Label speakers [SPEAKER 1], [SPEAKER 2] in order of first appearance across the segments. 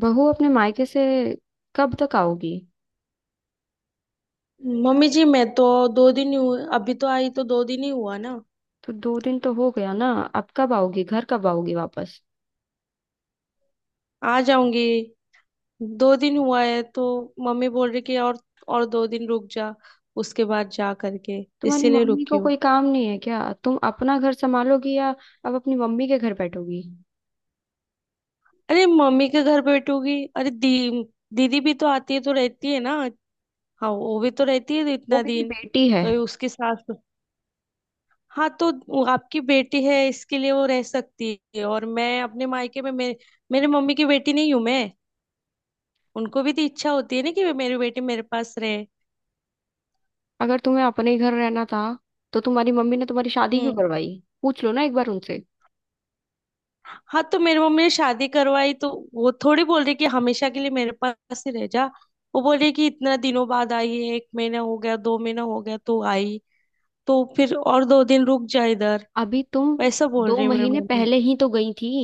[SPEAKER 1] बहू अपने मायके से कब तक आओगी।
[SPEAKER 2] मम्मी जी, मैं तो दो दिन ही हुए, अभी तो आई, तो दो दिन ही हुआ ना।
[SPEAKER 1] तो दो दिन तो हो गया ना, अब कब आओगी, घर कब आओगी वापस।
[SPEAKER 2] आ जाऊंगी। दो दिन हुआ है तो मम्मी बोल रही कि और दो दिन रुक जा, उसके बाद जा करके।
[SPEAKER 1] तुम्हारी
[SPEAKER 2] इसीलिए
[SPEAKER 1] मम्मी
[SPEAKER 2] रुकी
[SPEAKER 1] को
[SPEAKER 2] हूँ।
[SPEAKER 1] कोई काम नहीं है क्या? तुम अपना घर संभालोगी या अब अपनी मम्मी के घर बैठोगी?
[SPEAKER 2] अरे, मम्मी के घर बैठूंगी? अरे, दी दीदी भी तो आती है तो रहती है ना। हाँ, वो भी तो रहती है
[SPEAKER 1] वो
[SPEAKER 2] इतना
[SPEAKER 1] मेरी
[SPEAKER 2] दिन।
[SPEAKER 1] बेटी है।
[SPEAKER 2] कभी उसकी सास तो, हाँ तो वो आपकी बेटी है, इसके लिए वो रह सकती है, और मैं अपने मायके में मेरे मेरे मम्मी की बेटी नहीं हूँ मैं? उनको भी तो इच्छा होती है ना कि मेरी बेटी मेरे पास रहे।
[SPEAKER 1] अगर तुम्हें अपने ही घर रहना था तो तुम्हारी मम्मी ने तुम्हारी शादी क्यों
[SPEAKER 2] हम्म।
[SPEAKER 1] करवाई? पूछ लो ना एक बार उनसे।
[SPEAKER 2] हाँ तो मेरी मम्मी ने शादी करवाई, तो वो थोड़ी बोल रही कि हमेशा के लिए मेरे पास ही रह जा। वो बोल रही कि इतना दिनों बाद आई है, एक महीना हो गया, दो महीना हो गया तो आई, तो फिर और दो दिन रुक जा इधर।
[SPEAKER 1] अभी तुम
[SPEAKER 2] वैसा बोल
[SPEAKER 1] दो
[SPEAKER 2] रही है मेरी
[SPEAKER 1] महीने
[SPEAKER 2] मम्मी।
[SPEAKER 1] पहले ही तो गई थी।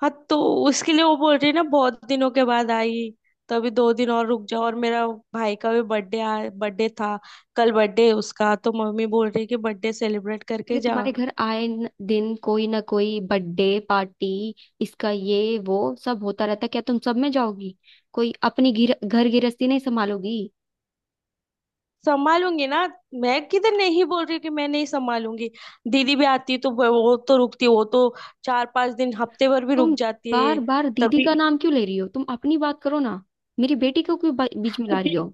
[SPEAKER 2] हाँ तो उसके लिए वो बोल रही है ना, बहुत दिनों के बाद आई, तो अभी दो दिन और रुक जाओ। और मेरा भाई का भी बर्थडे बर्थडे था। कल बर्थडे उसका, तो मम्मी बोल रही है कि बर्थडे सेलिब्रेट करके
[SPEAKER 1] अरे
[SPEAKER 2] जा।
[SPEAKER 1] तुम्हारे घर आए दिन कोई ना कोई बर्थडे पार्टी, इसका ये वो सब होता रहता। क्या तुम सब में जाओगी, कोई अपनी घर गृहस्थी नहीं संभालोगी?
[SPEAKER 2] संभालूंगी ना। मैं किधर नहीं बोल रही कि मैं नहीं संभालूंगी। दीदी भी आती है तो वो तो रुकती है, वो तो चार पांच दिन, हफ्ते भर भी
[SPEAKER 1] तुम
[SPEAKER 2] रुक जाती है।
[SPEAKER 1] बार बार दीदी का
[SPEAKER 2] तभी।
[SPEAKER 1] नाम क्यों ले रही हो, तुम अपनी बात करो ना। मेरी बेटी को क्यों बीच में ला रही हो?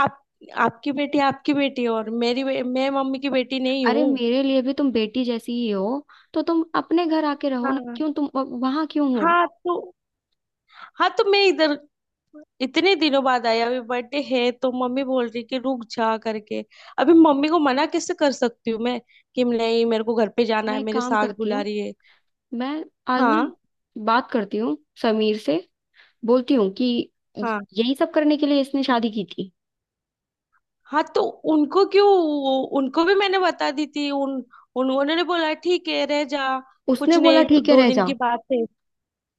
[SPEAKER 2] आप आपकी बेटी है, और मैं मम्मी की बेटी नहीं
[SPEAKER 1] अरे
[SPEAKER 2] हूँ।
[SPEAKER 1] मेरे लिए भी तुम बेटी जैसी ही हो, तो तुम अपने घर आके रहो ना,
[SPEAKER 2] हाँ।
[SPEAKER 1] क्यों तुम वहां क्यों हो?
[SPEAKER 2] हाँ तो हाँ तो मैं इधर, इतने दिनों बाद आई, अभी बर्थडे है तो मम्मी बोल रही कि रुक जा करके। अभी मम्मी को मना कैसे कर सकती हूँ मैं? कि नहीं, मेरे को घर पे जाना
[SPEAKER 1] मैं
[SPEAKER 2] है,
[SPEAKER 1] एक
[SPEAKER 2] मेरे
[SPEAKER 1] काम
[SPEAKER 2] सास
[SPEAKER 1] करती
[SPEAKER 2] बुला
[SPEAKER 1] हूँ,
[SPEAKER 2] रही है।
[SPEAKER 1] मैं आज ना
[SPEAKER 2] हाँ।
[SPEAKER 1] बात करती हूँ समीर से, बोलती हूँ कि
[SPEAKER 2] हाँ।
[SPEAKER 1] यही सब करने के लिए इसने शादी की थी।
[SPEAKER 2] हाँ तो उनको क्यों? उनको भी मैंने बता दी थी, उन उन- उन्होंने बोला ठीक है रह जा।
[SPEAKER 1] उसने
[SPEAKER 2] कुछ
[SPEAKER 1] बोला
[SPEAKER 2] नहीं तो
[SPEAKER 1] ठीक है
[SPEAKER 2] दो
[SPEAKER 1] रह
[SPEAKER 2] दिन
[SPEAKER 1] जा।
[SPEAKER 2] की बात है।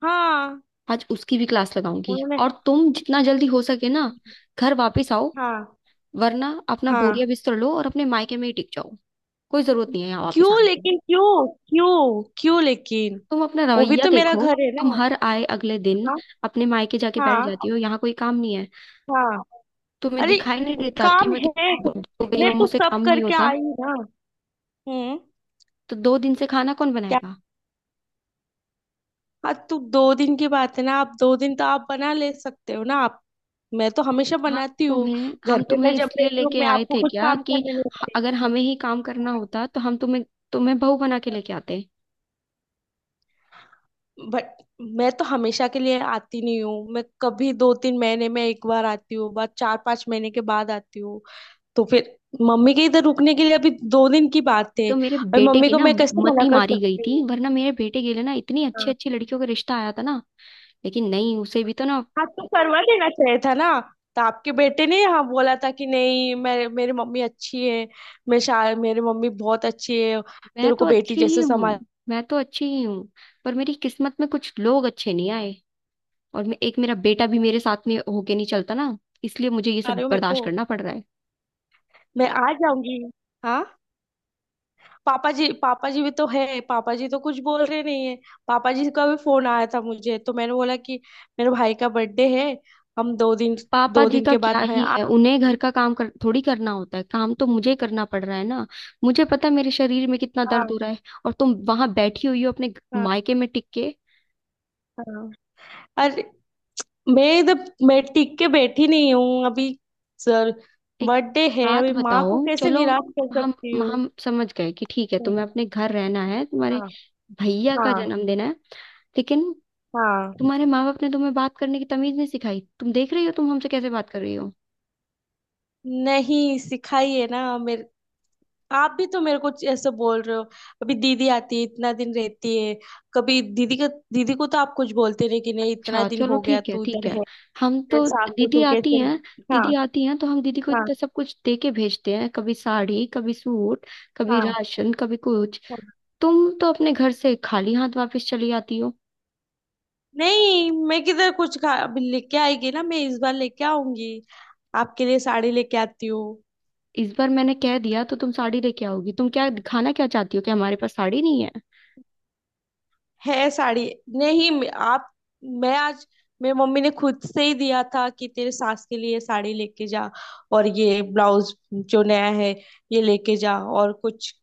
[SPEAKER 2] हाँ।
[SPEAKER 1] आज उसकी भी क्लास लगाऊंगी
[SPEAKER 2] उन्होंने।
[SPEAKER 1] और तुम जितना जल्दी हो सके ना घर वापस आओ,
[SPEAKER 2] हाँ।
[SPEAKER 1] वरना अपना बोरिया
[SPEAKER 2] हाँ।
[SPEAKER 1] बिस्तर लो और अपने मायके में ही टिक जाओ। कोई जरूरत नहीं है यहाँ
[SPEAKER 2] क्यों?
[SPEAKER 1] वापस आने की।
[SPEAKER 2] लेकिन क्यों, क्यों, क्यों, लेकिन?
[SPEAKER 1] तुम अपना
[SPEAKER 2] वो भी
[SPEAKER 1] रवैया
[SPEAKER 2] तो मेरा
[SPEAKER 1] देखो,
[SPEAKER 2] घर है
[SPEAKER 1] तुम
[SPEAKER 2] ना।
[SPEAKER 1] हर आए अगले दिन
[SPEAKER 2] हाँ।
[SPEAKER 1] अपने मायके जाके बैठ
[SPEAKER 2] हाँ।
[SPEAKER 1] जाती हो, यहाँ कोई काम नहीं है।
[SPEAKER 2] हाँ,
[SPEAKER 1] तुम्हें
[SPEAKER 2] अरे,
[SPEAKER 1] दिखाई नहीं देता कि
[SPEAKER 2] काम
[SPEAKER 1] मैं
[SPEAKER 2] है,
[SPEAKER 1] कितनी बुढ़ी हो गई
[SPEAKER 2] मैं
[SPEAKER 1] हूँ और
[SPEAKER 2] तो
[SPEAKER 1] मुझसे
[SPEAKER 2] सब
[SPEAKER 1] काम नहीं
[SPEAKER 2] करके
[SPEAKER 1] होता।
[SPEAKER 2] आई ना। हम्म।
[SPEAKER 1] तो दो दिन से खाना कौन बनाएगा?
[SPEAKER 2] हाँ तो दो दिन की बात है ना, आप दो दिन तो आप बना ले सकते हो ना आप। मैं तो हमेशा
[SPEAKER 1] हम
[SPEAKER 2] बनाती हूँ।
[SPEAKER 1] तुम्हें
[SPEAKER 2] घर
[SPEAKER 1] हम
[SPEAKER 2] पे मैं
[SPEAKER 1] तुम्हें
[SPEAKER 2] जब
[SPEAKER 1] इसलिए
[SPEAKER 2] रहती हूँ,
[SPEAKER 1] लेके
[SPEAKER 2] मैं
[SPEAKER 1] आए
[SPEAKER 2] आपको
[SPEAKER 1] थे
[SPEAKER 2] कुछ
[SPEAKER 1] क्या
[SPEAKER 2] काम
[SPEAKER 1] कि
[SPEAKER 2] करने नहीं देती।
[SPEAKER 1] अगर हमें ही काम करना होता तो हम तुम्हें तुम्हें बहू बना के लेके आते?
[SPEAKER 2] बट मैं तो हमेशा के लिए आती नहीं हूँ, मैं कभी दो तीन महीने में एक बार आती हूँ, बाद चार पांच महीने के बाद आती हूँ। तो फिर मम्मी के इधर रुकने के लिए अभी दो दिन की बात है।
[SPEAKER 1] तो मेरे
[SPEAKER 2] और
[SPEAKER 1] बेटे
[SPEAKER 2] मम्मी
[SPEAKER 1] की
[SPEAKER 2] को
[SPEAKER 1] ना
[SPEAKER 2] मैं
[SPEAKER 1] अच्छा
[SPEAKER 2] कैसे मना
[SPEAKER 1] मती
[SPEAKER 2] कर
[SPEAKER 1] मारी गई
[SPEAKER 2] सकती
[SPEAKER 1] थी,
[SPEAKER 2] हूँ?
[SPEAKER 1] वरना मेरे बेटे के लिए ना इतनी अच्छी अच्छी लड़कियों का रिश्ता आया था ना, लेकिन नहीं, उसे भी तो ना।
[SPEAKER 2] हाँ तो करवा देना चाहिए था ना। तो आपके बेटे ने हाँ बोला था कि नहीं, मेरे मेरी मम्मी अच्छी है। मेरी मम्मी बहुत अच्छी है।
[SPEAKER 1] मैं
[SPEAKER 2] तेरे
[SPEAKER 1] तो
[SPEAKER 2] को बेटी
[SPEAKER 1] अच्छी ही
[SPEAKER 2] जैसे
[SPEAKER 1] हूँ।
[SPEAKER 2] संभाल
[SPEAKER 1] मैं तो अच्छी ही हूँ, पर मेरी किस्मत में कुछ लोग अच्छे नहीं आए। और एक मेरा बेटा भी मेरे साथ में होके नहीं चलता ना, इसलिए मुझे ये
[SPEAKER 2] रहे
[SPEAKER 1] सब
[SPEAKER 2] हो मेरे को।
[SPEAKER 1] बर्दाश्त करना पड़ रहा है।
[SPEAKER 2] मैं आ जाऊंगी। हाँ। पापा जी, पापा जी भी तो है, पापा जी तो कुछ बोल रहे नहीं है। पापा जी का भी फोन आया था मुझे, तो मैंने बोला कि मेरे भाई का बर्थडे है। हम दो दिन,
[SPEAKER 1] पापा
[SPEAKER 2] दो
[SPEAKER 1] जी
[SPEAKER 2] दिन
[SPEAKER 1] का
[SPEAKER 2] के
[SPEAKER 1] क्या
[SPEAKER 2] बाद मैं
[SPEAKER 1] ही
[SPEAKER 2] आ।
[SPEAKER 1] है, उन्हें घर का काम थोड़ी करना होता है, काम तो मुझे करना पड़ रहा है ना। मुझे पता है मेरे शरीर में कितना दर्द
[SPEAKER 2] हाँ।
[SPEAKER 1] हो रहा है, और तुम वहां बैठी हुई हो अपने
[SPEAKER 2] हाँ।
[SPEAKER 1] मायके में टिक के।
[SPEAKER 2] हाँ। अरे, मैं इधर, मैं टिक के बैठी नहीं हूँ अभी। सर,
[SPEAKER 1] एक
[SPEAKER 2] बर्थडे है
[SPEAKER 1] बात
[SPEAKER 2] अभी, माँ
[SPEAKER 1] बताओ
[SPEAKER 2] को कैसे
[SPEAKER 1] चलो,
[SPEAKER 2] निराश कर
[SPEAKER 1] हम
[SPEAKER 2] सकती हूँ?
[SPEAKER 1] हम समझ गए कि ठीक है, तुम्हें अपने घर रहना है, तुम्हारे
[SPEAKER 2] हाँ।
[SPEAKER 1] भैया का
[SPEAKER 2] हाँ।
[SPEAKER 1] जन्मदिन है, लेकिन
[SPEAKER 2] हाँ।
[SPEAKER 1] तुम्हारे माँ बाप ने तुम्हें बात करने की तमीज नहीं सिखाई। तुम देख रही हो तुम हमसे कैसे बात कर रही हो?
[SPEAKER 2] नहीं सिखाइए ना मेरे, आप भी तो मेरे को ऐसे बोल रहे हो। अभी दीदी आती है, इतना दिन रहती है। कभी दीदी का, दीदी को तो आप कुछ बोलते नहीं कि नहीं इतना
[SPEAKER 1] अच्छा
[SPEAKER 2] दिन
[SPEAKER 1] चलो
[SPEAKER 2] हो गया
[SPEAKER 1] ठीक है
[SPEAKER 2] तू
[SPEAKER 1] ठीक
[SPEAKER 2] इधर
[SPEAKER 1] है।
[SPEAKER 2] है।
[SPEAKER 1] हम
[SPEAKER 2] तेरे
[SPEAKER 1] तो
[SPEAKER 2] सास
[SPEAKER 1] दीदी
[SPEAKER 2] ससुर
[SPEAKER 1] आती
[SPEAKER 2] कैसे?
[SPEAKER 1] हैं,
[SPEAKER 2] हाँ।
[SPEAKER 1] दीदी आती हैं तो हम दीदी को
[SPEAKER 2] हाँ।
[SPEAKER 1] इतना सब कुछ दे के भेजते हैं, कभी साड़ी कभी सूट, कभी
[SPEAKER 2] हाँ।
[SPEAKER 1] राशन कभी कुछ।
[SPEAKER 2] हाँ।
[SPEAKER 1] तुम तो अपने घर से खाली हाथ वापस चली आती हो।
[SPEAKER 2] नहीं, मैं किधर कुछ खा, अभी लेके आएगी ना, मैं इस बार लेके आऊंगी। आपके लिए साड़ी लेके आती हूँ।
[SPEAKER 1] इस बार मैंने कह दिया तो तुम साड़ी लेके आओगी? तुम क्या दिखाना क्या चाहती हो कि हमारे पास साड़ी नहीं है?
[SPEAKER 2] है साड़ी। नहीं, आप, मैं आज, मेरी मम्मी ने खुद से ही दिया था कि तेरे सास के लिए साड़ी लेके जा। और ये ब्लाउज जो नया है ये लेके जा, और कुछ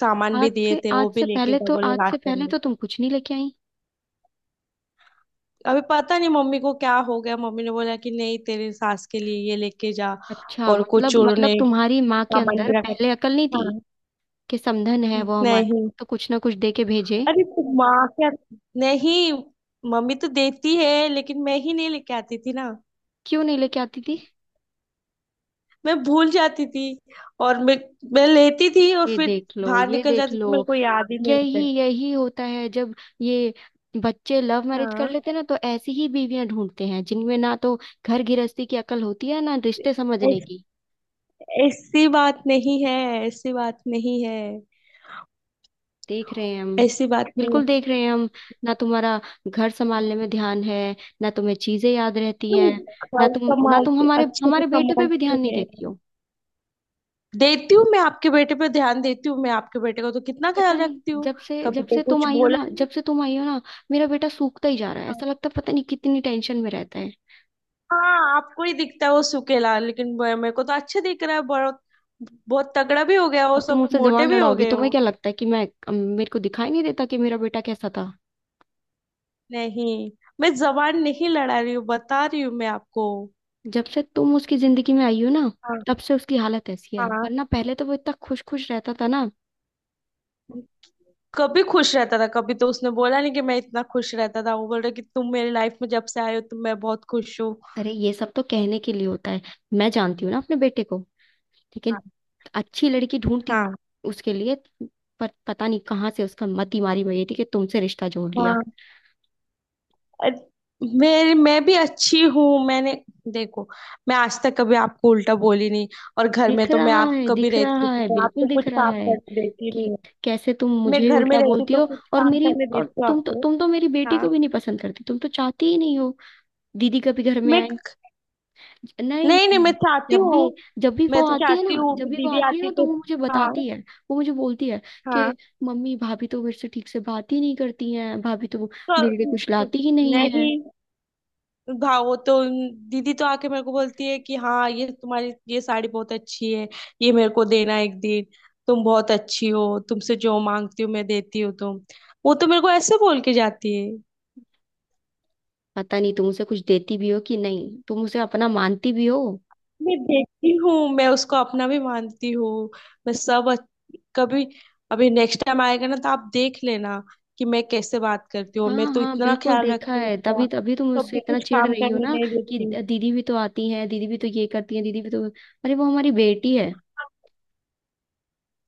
[SPEAKER 2] सामान भी दिए थे, वो भी लेके जा बोले,
[SPEAKER 1] आज से
[SPEAKER 2] राशन
[SPEAKER 1] पहले
[SPEAKER 2] में।
[SPEAKER 1] तो तुम कुछ नहीं लेके आई।
[SPEAKER 2] अभी पता नहीं मम्मी को क्या हो गया, मम्मी ने बोला कि नहीं, तेरे सास के लिए ये लेके जा।
[SPEAKER 1] अच्छा
[SPEAKER 2] और
[SPEAKER 1] मतलब
[SPEAKER 2] कुछ उन्होंने
[SPEAKER 1] मतलब तुम्हारी माँ के
[SPEAKER 2] सामान
[SPEAKER 1] अंदर
[SPEAKER 2] भी रखा था।
[SPEAKER 1] पहले अकल नहीं थी
[SPEAKER 2] हाँ।
[SPEAKER 1] कि समधन है वो हमारी,
[SPEAKER 2] नहीं।
[SPEAKER 1] तो कुछ ना कुछ दे के भेजे?
[SPEAKER 2] अरे तो माँ क्या, नहीं, मम्मी तो देती है, लेकिन मैं ही नहीं लेके आती थी ना।
[SPEAKER 1] क्यों नहीं लेके आती थी?
[SPEAKER 2] मैं भूल जाती थी। और मैं लेती थी, और
[SPEAKER 1] ये
[SPEAKER 2] फिर
[SPEAKER 1] देख लो,
[SPEAKER 2] बाहर
[SPEAKER 1] ये
[SPEAKER 2] निकल
[SPEAKER 1] देख
[SPEAKER 2] जाती
[SPEAKER 1] लो।
[SPEAKER 2] थी, मेरे को याद ही नहीं
[SPEAKER 1] यही
[SPEAKER 2] रहता।
[SPEAKER 1] यही होता है जब ये बच्चे लव मैरिज कर
[SPEAKER 2] हाँ।
[SPEAKER 1] लेते हैं ना, तो ऐसी ही बीवियां ढूंढते हैं जिनमें ना तो घर गृहस्थी की अकल होती है, ना रिश्ते समझने
[SPEAKER 2] ऐस-
[SPEAKER 1] की।
[SPEAKER 2] ऐसी बात नहीं है। ऐसी बात नहीं है।
[SPEAKER 1] देख रहे हैं हम,
[SPEAKER 2] ऐसी बात नहीं है।
[SPEAKER 1] बिल्कुल देख रहे हैं हम। ना तुम्हारा घर संभालने में ध्यान है, ना तुम्हें चीजें याद रहती
[SPEAKER 2] तुम
[SPEAKER 1] हैं, ना
[SPEAKER 2] घर
[SPEAKER 1] तुम ना तुम
[SPEAKER 2] संभालती,
[SPEAKER 1] हमारे
[SPEAKER 2] अच्छे से
[SPEAKER 1] हमारे बेटे पे भी
[SPEAKER 2] संभालती हूँ
[SPEAKER 1] ध्यान नहीं
[SPEAKER 2] मैं।
[SPEAKER 1] देती हो।
[SPEAKER 2] देती हूँ, मैं आपके बेटे पे ध्यान देती हूँ, मैं आपके बेटे को तो कितना
[SPEAKER 1] पता
[SPEAKER 2] ख्याल
[SPEAKER 1] नहीं
[SPEAKER 2] रखती हूँ।
[SPEAKER 1] जब से
[SPEAKER 2] कभी
[SPEAKER 1] जब
[SPEAKER 2] तो
[SPEAKER 1] से तुम
[SPEAKER 2] कुछ
[SPEAKER 1] आई हो ना,
[SPEAKER 2] बोला नहीं।
[SPEAKER 1] जब से तुम आई हो ना, मेरा बेटा सूखता ही जा रहा है, ऐसा लगता है पता नहीं कितनी टेंशन में रहता है।
[SPEAKER 2] हाँ, आपको ही दिखता है वो सुकेला, लेकिन मेरे को तो अच्छे दिख रहा है, बहुत बहुत तगड़ा भी हो गया, वो
[SPEAKER 1] अब तुम
[SPEAKER 2] सब
[SPEAKER 1] मुझसे
[SPEAKER 2] मोटे
[SPEAKER 1] जबान
[SPEAKER 2] भी हो
[SPEAKER 1] लड़ाओगी?
[SPEAKER 2] गए
[SPEAKER 1] तुम्हें
[SPEAKER 2] हो।
[SPEAKER 1] क्या लगता है कि मैं, मेरे को दिखाई नहीं देता कि मेरा बेटा कैसा था?
[SPEAKER 2] नहीं, मैं जबान नहीं लड़ा रही हूँ, बता रही हूँ मैं आपको।
[SPEAKER 1] जब से तुम उसकी जिंदगी में आई हो ना,
[SPEAKER 2] हाँ।
[SPEAKER 1] तब से उसकी हालत ऐसी है,
[SPEAKER 2] हाँ।
[SPEAKER 1] वरना पहले तो वो इतना खुश खुश रहता था ना।
[SPEAKER 2] कभी खुश रहता था, कभी तो उसने बोला नहीं कि मैं इतना खुश रहता था, वो बोल रहा कि तुम मेरी लाइफ में जब से आए हो तुम, मैं बहुत खुश हूँ।
[SPEAKER 1] अरे ये सब तो कहने के लिए होता है, मैं जानती हूँ ना अपने बेटे को। लेकिन
[SPEAKER 2] हाँ।
[SPEAKER 1] अच्छी लड़की ढूंढती उसके लिए, पर पता नहीं कहाँ से उसका मति मारी हुई थी कि तुमसे रिश्ता जोड़ लिया।
[SPEAKER 2] हाँ। अरे, मेरी, मैं भी अच्छी हूँ, मैंने, देखो, मैं आज तक कभी आपको उल्टा बोली नहीं। और घर में
[SPEAKER 1] दिख
[SPEAKER 2] तो मैं,
[SPEAKER 1] रहा
[SPEAKER 2] आप
[SPEAKER 1] है,
[SPEAKER 2] कभी
[SPEAKER 1] दिख
[SPEAKER 2] रहती
[SPEAKER 1] रहा
[SPEAKER 2] तो
[SPEAKER 1] है,
[SPEAKER 2] मैं
[SPEAKER 1] बिल्कुल
[SPEAKER 2] आपको
[SPEAKER 1] दिख
[SPEAKER 2] कुछ काम
[SPEAKER 1] रहा है
[SPEAKER 2] करने देती
[SPEAKER 1] कि
[SPEAKER 2] नहीं हूँ।
[SPEAKER 1] कैसे तुम
[SPEAKER 2] मैं
[SPEAKER 1] मुझे
[SPEAKER 2] घर में
[SPEAKER 1] उल्टा
[SPEAKER 2] रहती
[SPEAKER 1] बोलती
[SPEAKER 2] तो
[SPEAKER 1] हो।
[SPEAKER 2] कुछ
[SPEAKER 1] और
[SPEAKER 2] काम
[SPEAKER 1] मेरी,
[SPEAKER 2] करने
[SPEAKER 1] और
[SPEAKER 2] देती हूँ
[SPEAKER 1] तुम तो,
[SPEAKER 2] आपको।
[SPEAKER 1] तुम तो मेरी बेटी
[SPEAKER 2] हाँ।
[SPEAKER 1] को भी नहीं पसंद करती, तुम तो चाहती ही नहीं हो दीदी कभी घर में।
[SPEAKER 2] मैं,
[SPEAKER 1] नहीं
[SPEAKER 2] नहीं नहीं, मैं
[SPEAKER 1] नहीं,
[SPEAKER 2] चाहती
[SPEAKER 1] जब भी,
[SPEAKER 2] हूँ।
[SPEAKER 1] जब भी
[SPEAKER 2] मैं
[SPEAKER 1] वो
[SPEAKER 2] तो
[SPEAKER 1] आती है ना,
[SPEAKER 2] चाहती हूँ
[SPEAKER 1] जब
[SPEAKER 2] कि
[SPEAKER 1] भी वो
[SPEAKER 2] दीदी
[SPEAKER 1] आती है ना
[SPEAKER 2] आती
[SPEAKER 1] तो
[SPEAKER 2] तो,
[SPEAKER 1] वो मुझे
[SPEAKER 2] हाँ।
[SPEAKER 1] बताती है, वो मुझे बोलती है कि
[SPEAKER 2] हाँ
[SPEAKER 1] मम्मी भाभी तो मेरे से ठीक से बात ही नहीं करती हैं, भाभी तो
[SPEAKER 2] तो,
[SPEAKER 1] मेरे लिए कुछ लाती ही नहीं है।
[SPEAKER 2] नहीं, भाव तो, दीदी तो आके मेरे को बोलती है कि हाँ, ये तुम्हारी ये साड़ी बहुत अच्छी है, ये मेरे को देना एक दिन। तुम बहुत अच्छी हो, तुमसे जो मांगती हूँ मैं, देती हूँ तुम। वो तो मेरे को ऐसे बोल के जाती है।
[SPEAKER 1] पता नहीं तुम उसे कुछ देती भी हो कि नहीं, तुम उसे अपना मानती भी हो?
[SPEAKER 2] मैं देखती हूँ, मैं उसको अपना भी मानती हूँ। मैं सब कभी, अभी नेक्स्ट टाइम आएगा ना, तो आप देख लेना कि मैं कैसे बात करती हूँ, और मैं
[SPEAKER 1] हाँ
[SPEAKER 2] तो
[SPEAKER 1] हाँ,
[SPEAKER 2] इतना
[SPEAKER 1] बिल्कुल
[SPEAKER 2] ख्याल
[SPEAKER 1] देखा
[SPEAKER 2] रखती हूँ
[SPEAKER 1] है,
[SPEAKER 2] उसका।
[SPEAKER 1] तभी तभी तुम उससे
[SPEAKER 2] कभी
[SPEAKER 1] इतना
[SPEAKER 2] कुछ
[SPEAKER 1] चिढ़
[SPEAKER 2] काम
[SPEAKER 1] रही हो
[SPEAKER 2] करने
[SPEAKER 1] ना
[SPEAKER 2] नहीं
[SPEAKER 1] कि
[SPEAKER 2] देती हूँ।
[SPEAKER 1] दीदी भी तो आती है, दीदी भी तो ये करती है, दीदी भी तो। अरे वो हमारी बेटी है।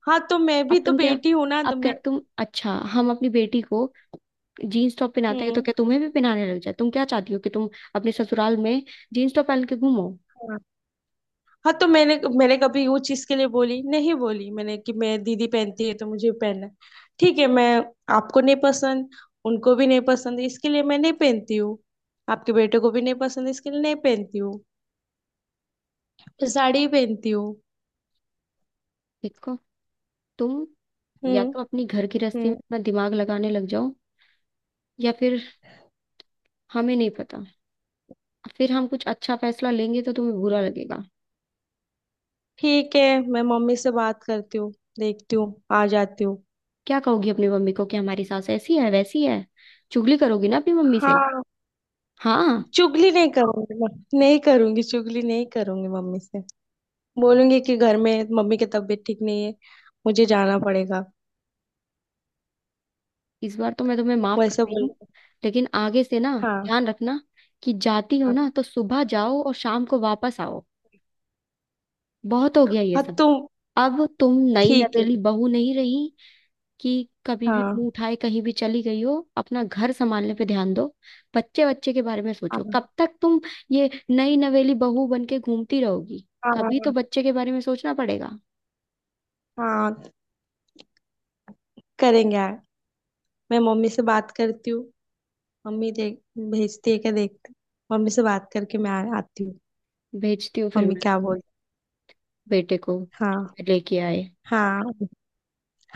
[SPEAKER 2] हाँ तो मैं भी
[SPEAKER 1] अब
[SPEAKER 2] तो
[SPEAKER 1] तुम क्या
[SPEAKER 2] बेटी हूँ ना,
[SPEAKER 1] अब
[SPEAKER 2] तो
[SPEAKER 1] क्या
[SPEAKER 2] मैं।
[SPEAKER 1] तुम, अच्छा हम अपनी बेटी को जीन्स टॉप पहनाते हैं तो
[SPEAKER 2] हम्म।
[SPEAKER 1] क्या तुम्हें भी पहनाने लग जाए? तुम क्या चाहती हो कि तुम अपने ससुराल में जीन्स टॉप पहन के घूमो?
[SPEAKER 2] हाँ तो मैंने मैंने कभी वो चीज के लिए बोली नहीं, बोली मैंने कि मैं दीदी पहनती है तो मुझे भी पहनना है। ठीक है, मैं, आपको नहीं पसंद, उनको भी नहीं पसंद, इसके लिए मैं नहीं पहनती हूँ। आपके बेटे को भी नहीं पसंद, इसके लिए नहीं पहनती हूँ। मैं साड़ी ही पहनती हूँ।
[SPEAKER 1] देखो तुम, या
[SPEAKER 2] हम्म।
[SPEAKER 1] तो अपनी घर की रस्सी में
[SPEAKER 2] हम्म।
[SPEAKER 1] अपना दिमाग लगाने लग जाओ, या फिर हमें नहीं पता, फिर हम कुछ अच्छा फैसला लेंगे तो तुम्हें बुरा लगेगा।
[SPEAKER 2] ठीक है, मैं मम्मी से बात करती हूँ। देखती हूँ, आ जाती हूँ।
[SPEAKER 1] क्या कहोगी अपनी मम्मी को कि हमारी सास ऐसी है वैसी है? चुगली करोगी ना अपनी मम्मी से?
[SPEAKER 2] हाँ।
[SPEAKER 1] हाँ।
[SPEAKER 2] चुगली नहीं करूंगी मैं। नहीं करूंगी, चुगली नहीं करूंगी मम्मी से। बोलूंगी कि घर में मम्मी की तबीयत ठीक नहीं है, मुझे जाना पड़ेगा।
[SPEAKER 1] इस बार तो मैं तुम्हें माफ कर
[SPEAKER 2] वैसा
[SPEAKER 1] रही हूँ,
[SPEAKER 2] बोल,
[SPEAKER 1] लेकिन आगे से ना
[SPEAKER 2] हाँ।
[SPEAKER 1] ध्यान रखना कि जाती हो
[SPEAKER 2] हाँ।
[SPEAKER 1] ना तो सुबह जाओ और शाम को वापस आओ। बहुत हो गया ये
[SPEAKER 2] हाँ।
[SPEAKER 1] सब।
[SPEAKER 2] तुम,
[SPEAKER 1] अब तुम नई
[SPEAKER 2] ठीक है।
[SPEAKER 1] नवेली बहू नहीं रही कि कभी भी
[SPEAKER 2] हाँ।
[SPEAKER 1] मुंह उठाए कहीं भी चली गई हो। अपना घर संभालने पे ध्यान दो, बच्चे बच्चे के बारे में सोचो।
[SPEAKER 2] हाँ।
[SPEAKER 1] कब तक तुम ये नई नवेली बहू बन के घूमती रहोगी? कभी
[SPEAKER 2] हाँ।
[SPEAKER 1] तो बच्चे के बारे में सोचना पड़ेगा।
[SPEAKER 2] हाँ, करेंगे यार। मैं मम्मी से बात करती हूँ। मम्मी देख, भेजती है क्या, देखती हूँ। मम्मी से बात करके मैं आती हूँ।
[SPEAKER 1] भेजती हूँ फिर
[SPEAKER 2] मम्मी
[SPEAKER 1] मैं
[SPEAKER 2] क्या बोल,
[SPEAKER 1] बेटे को
[SPEAKER 2] हाँ।
[SPEAKER 1] लेके आए।
[SPEAKER 2] हाँ।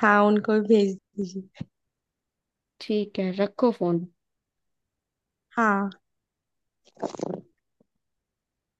[SPEAKER 2] हाँ, उनको भी भेज दीजिए।
[SPEAKER 1] ठीक है, रखो फोन।
[SPEAKER 2] हाँ।